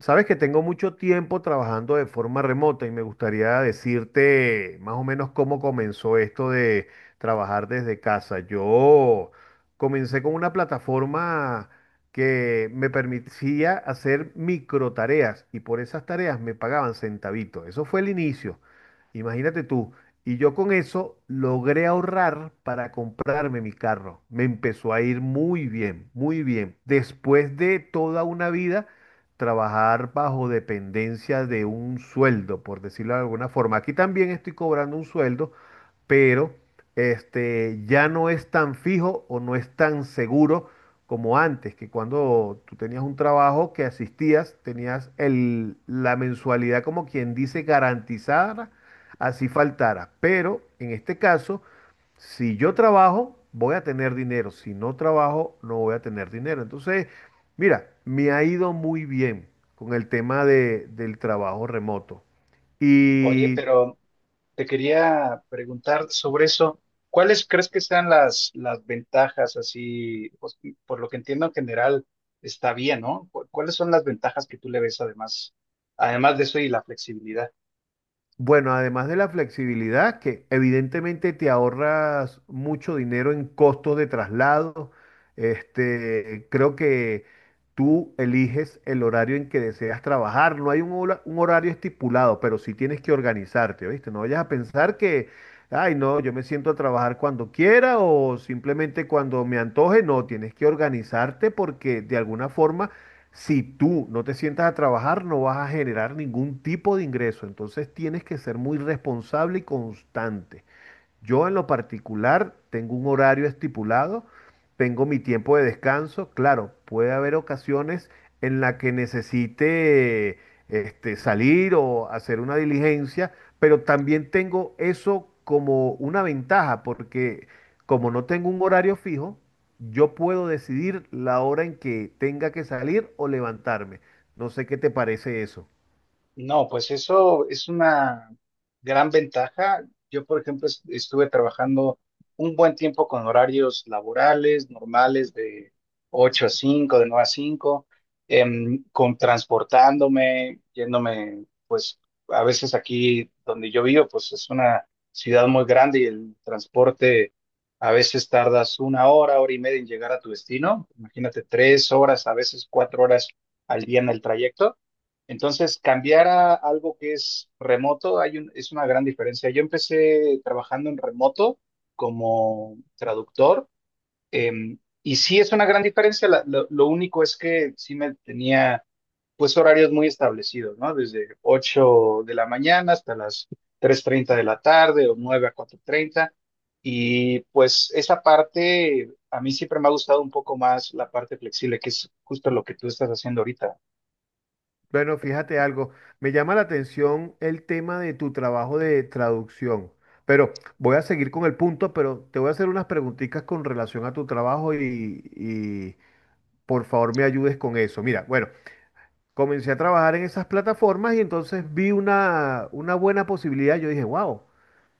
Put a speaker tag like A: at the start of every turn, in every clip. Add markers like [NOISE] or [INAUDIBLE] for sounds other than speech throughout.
A: Sabes que tengo mucho tiempo trabajando de forma remota y me gustaría decirte más o menos cómo comenzó esto de trabajar desde casa. Yo comencé con una plataforma que me permitía hacer micro tareas y por esas tareas me pagaban centavitos. Eso fue el inicio. Imagínate tú. Y yo con eso logré ahorrar para comprarme mi carro. Me empezó a ir muy bien, muy bien. Después de toda una vida trabajar bajo dependencia de un sueldo, por decirlo de alguna forma. Aquí también estoy cobrando un sueldo, pero ya no es tan fijo o no es tan seguro como antes, que cuando tú tenías un trabajo que asistías, tenías la mensualidad como quien dice garantizada, así faltara. Pero en este caso, si yo trabajo, voy a tener dinero. Si no trabajo, no voy a tener dinero. Entonces, mira, me ha ido muy bien con el tema del trabajo remoto.
B: Oye,
A: Y
B: pero te quería preguntar sobre eso. ¿Cuáles crees que sean las ventajas así? Pues, por lo que entiendo en general está bien, ¿no? ¿Cuáles son las ventajas que tú le ves además de eso y la flexibilidad?
A: Bueno, además de la flexibilidad, que evidentemente te ahorras mucho dinero en costos de traslado, creo que tú eliges el horario en que deseas trabajar. No hay un horario estipulado, pero sí tienes que organizarte, ¿viste? No vayas a pensar que, ay, no, yo me siento a trabajar cuando quiera o simplemente cuando me antoje. No, tienes que organizarte porque de alguna forma si tú no te sientas a trabajar, no vas a generar ningún tipo de ingreso. Entonces tienes que ser muy responsable y constante. Yo en lo particular tengo un horario estipulado, tengo mi tiempo de descanso. Claro, puede haber ocasiones en las que necesite salir o hacer una diligencia, pero también tengo eso como una ventaja, porque como no tengo un horario fijo, yo puedo decidir la hora en que tenga que salir o levantarme. No sé qué te parece eso.
B: No, pues eso es una gran ventaja. Yo, por ejemplo, estuve trabajando un buen tiempo con horarios laborales, normales, de 8 a 5, de 9 a 5, con transportándome, yéndome, pues a veces aquí donde yo vivo, pues es una ciudad muy grande y el transporte a veces tardas una hora, hora y media en llegar a tu destino. Imagínate 3 horas, a veces 4 horas al día en el trayecto. Entonces, cambiar a algo que es remoto es una gran diferencia. Yo empecé trabajando en remoto como traductor, y sí es una gran diferencia. Lo único es que sí me tenía pues horarios muy establecidos, ¿no? Desde 8 de la mañana hasta las 3:30 de la tarde o 9 a 4:30. Y pues esa parte, a mí siempre me ha gustado un poco más la parte flexible, que es justo lo que tú estás haciendo ahorita.
A: Bueno, fíjate algo, me llama la atención el tema de tu trabajo de traducción, pero voy a seguir con el punto, pero te voy a hacer unas preguntitas con relación a tu trabajo y por favor me ayudes con eso. Mira, bueno, comencé a trabajar en esas plataformas y entonces vi una buena posibilidad, yo dije, wow.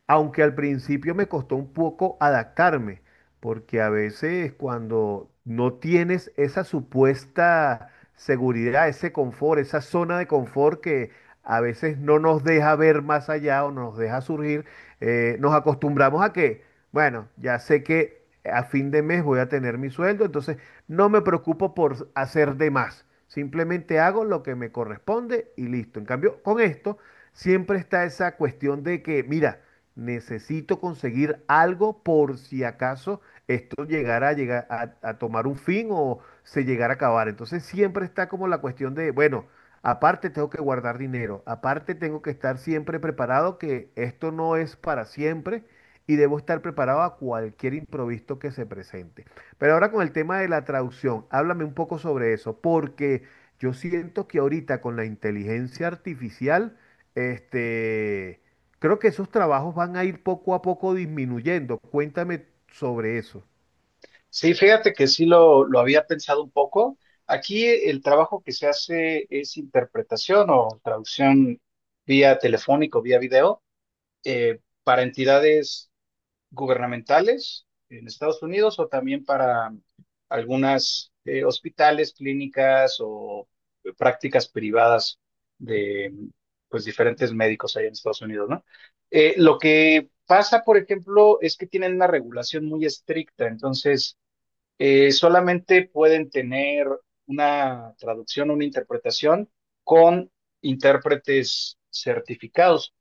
A: Aunque al principio me costó un poco adaptarme, porque a veces cuando no tienes esa supuesta seguridad, ese confort, esa zona de confort que a veces no nos deja ver más allá o nos deja surgir, nos acostumbramos a que, bueno, ya sé que a fin de mes voy a tener mi sueldo, entonces no me preocupo por hacer de más, simplemente hago lo que me corresponde y listo. En cambio, con esto siempre está esa cuestión de que, mira, necesito conseguir algo por si acaso esto llegara a tomar un fin o se llegara a acabar. Entonces siempre está como la cuestión de, bueno, aparte tengo que guardar dinero, aparte tengo que estar siempre preparado que esto no es para siempre y debo estar preparado a cualquier imprevisto que se presente. Pero ahora con el tema de la traducción, háblame un poco sobre eso, porque… Yo siento que ahorita con la inteligencia artificial, este, creo que esos trabajos van a ir poco a poco disminuyendo. Cuéntame sobre eso.
B: Sí, fíjate que sí lo había pensado un poco. Aquí el trabajo que se hace es interpretación o traducción vía telefónico, vía video, para entidades gubernamentales en Estados Unidos o también para algunas hospitales, clínicas o prácticas privadas de pues diferentes médicos allá en Estados Unidos, ¿no? Lo que pasa, por ejemplo, es que tienen una regulación muy estricta, entonces solamente pueden tener una traducción, una interpretación con intérpretes certificados.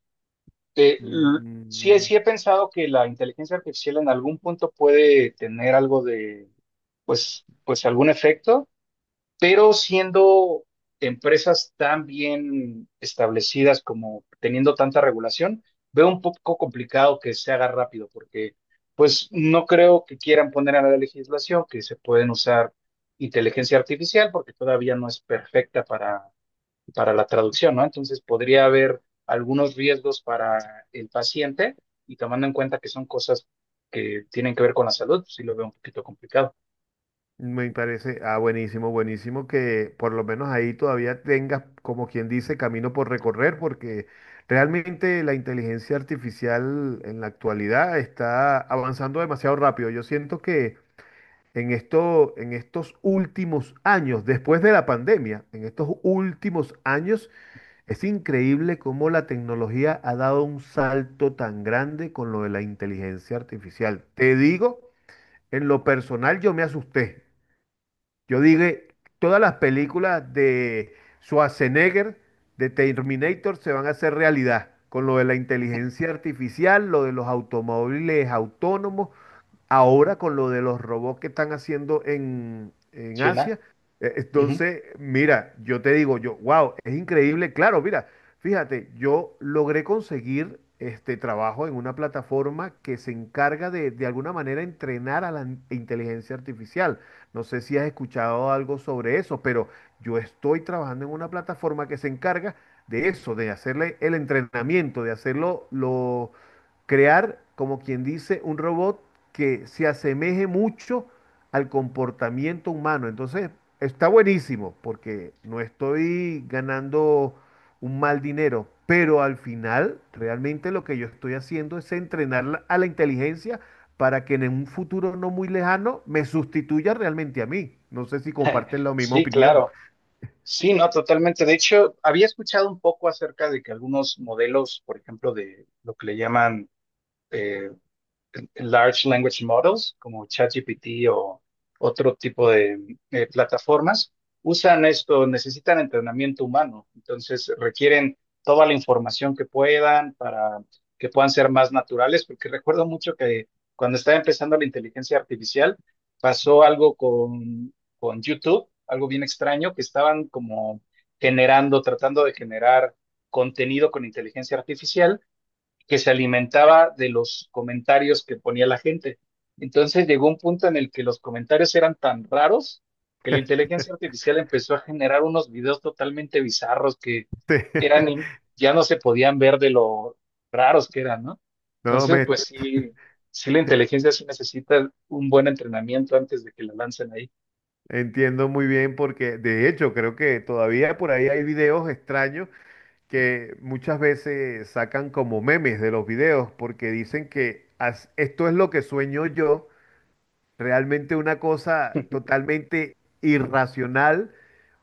B: Eh, l- sí,
A: Mm.
B: sí he pensado que la inteligencia artificial en algún punto puede tener algo de, pues, algún efecto, pero siendo empresas tan bien establecidas como teniendo tanta regulación, veo un poco complicado que se haga rápido, porque pues no creo que quieran poner a la legislación que se pueden usar inteligencia artificial, porque todavía no es perfecta para la traducción, ¿no? Entonces podría haber algunos riesgos para el paciente y tomando en cuenta que son cosas que tienen que ver con la salud, pues sí lo veo un poquito complicado.
A: Me parece, ah, buenísimo, buenísimo que por lo menos ahí todavía tengas, como quien dice, camino por recorrer, porque realmente la inteligencia artificial en la actualidad está avanzando demasiado rápido. Yo siento que en esto, en estos últimos años, después de la pandemia, en estos últimos años, es increíble cómo la tecnología ha dado un salto tan grande con lo de la inteligencia artificial. Te digo, en lo personal yo me asusté. Yo dije, todas las películas de Schwarzenegger, de Terminator, se van a hacer realidad. Con lo de la inteligencia artificial, lo de los automóviles autónomos, ahora con lo de los robots que están haciendo en
B: China.
A: Asia,
B: Ujú.
A: entonces, mira, yo te digo, yo, wow, es increíble. Claro, mira, fíjate, yo logré conseguir este trabajo en una plataforma que se encarga de alguna manera entrenar a la inteligencia artificial. No sé si has escuchado algo sobre eso, pero yo estoy trabajando en una plataforma que se encarga de eso, de hacerle el entrenamiento, de hacerlo, crear, como quien dice, un robot que se asemeje mucho al comportamiento humano. Entonces, está buenísimo porque no estoy ganando un mal dinero, pero al final, realmente lo que yo estoy haciendo es entrenar a la inteligencia para que en un futuro no muy lejano me sustituya realmente a mí. No sé si comparten
B: [LAUGHS]
A: la misma
B: Sí,
A: opinión.
B: claro. Sí, no, totalmente. De hecho, había escuchado un poco acerca de que algunos modelos, por ejemplo, de lo que le llaman, eh, large language models como ChatGPT o otro tipo de plataformas, usan esto, necesitan entrenamiento humano, entonces requieren toda la información que puedan para que puedan ser más naturales, porque recuerdo mucho que cuando estaba empezando la inteligencia artificial, pasó algo con YouTube, algo bien extraño, que estaban como generando, tratando de generar contenido con inteligencia artificial que se alimentaba de los comentarios que ponía la gente. Entonces llegó un punto en el que los comentarios eran tan raros que la inteligencia artificial empezó a generar unos videos totalmente bizarros que eran,
A: [LAUGHS]
B: ya no se podían ver de lo raros que eran, ¿no?
A: No,
B: Entonces,
A: me
B: pues sí, sí la inteligencia sí necesita un buen entrenamiento antes de que la lancen ahí. [LAUGHS]
A: entiendo muy bien porque de hecho creo que todavía por ahí hay videos extraños que muchas veces sacan como memes de los videos porque dicen que "As- esto es lo que sueño yo. Realmente una cosa totalmente irracional,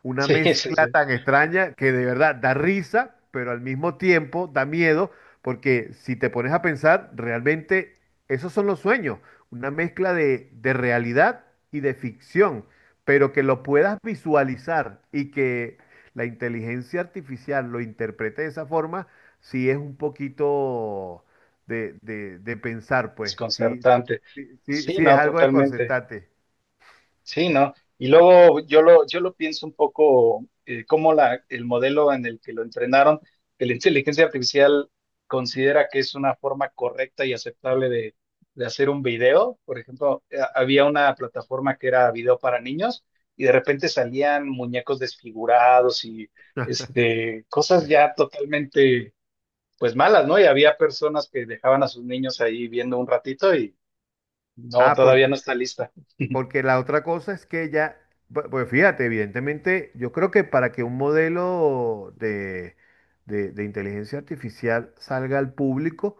A: una
B: Sí, sí,
A: mezcla
B: sí,
A: tan extraña que de verdad da risa, pero al mismo tiempo da miedo, porque si te pones a pensar, realmente esos son los sueños, una mezcla de realidad y de ficción, pero que lo puedas visualizar y que la inteligencia artificial lo interprete de esa forma, sí es un poquito de pensar, pues, sí.
B: desconcertante.
A: Sí, sí,
B: Sí,
A: sí, es
B: no,
A: algo de
B: totalmente.
A: corsetate.
B: Sí, ¿no? Y luego yo lo pienso un poco, como la, el modelo en el que lo entrenaron, que la inteligencia artificial considera que es una forma correcta y aceptable de hacer un video. Por ejemplo, había una plataforma que era video para niños y de repente salían muñecos desfigurados y cosas ya totalmente pues malas, ¿no? Y había personas que dejaban a sus niños ahí viendo un ratito y no,
A: Ah,
B: todavía
A: porque,
B: no está lista.
A: porque la otra cosa es que ya, bu- pues fíjate, evidentemente, yo creo que para que un modelo de inteligencia artificial salga al público,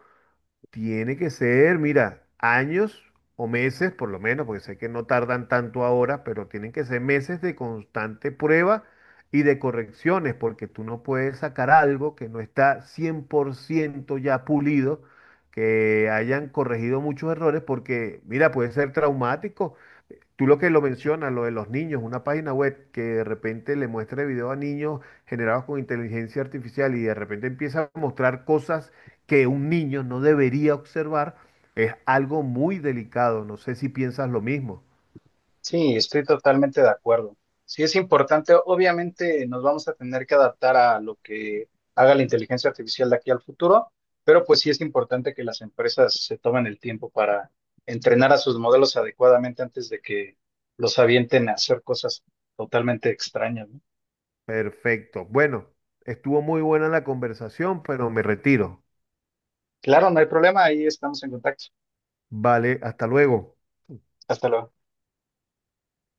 A: tiene que ser, mira, años o meses, por lo menos, porque sé que no tardan tanto ahora, pero tienen que ser meses de constante prueba y de correcciones, porque tú no puedes sacar algo que no está 100% ya pulido, que hayan corregido muchos errores, porque, mira, puede ser traumático. Tú lo que lo mencionas, lo de los niños, una página web que de repente le muestre video a niños generados con inteligencia artificial y de repente empieza a mostrar cosas que un niño no debería observar, es algo muy delicado. No sé si piensas lo mismo.
B: Sí, estoy totalmente de acuerdo. Sí, es importante. Obviamente nos vamos a tener que adaptar a lo que haga la inteligencia artificial de aquí al futuro, pero pues sí es importante que las empresas se tomen el tiempo para entrenar a sus modelos adecuadamente antes de que los avienten a hacer cosas totalmente extrañas, ¿no?
A: Perfecto. Bueno, estuvo muy buena la conversación, pero me retiro.
B: Claro, no hay problema, ahí estamos en contacto.
A: Vale, hasta luego.
B: Hasta luego.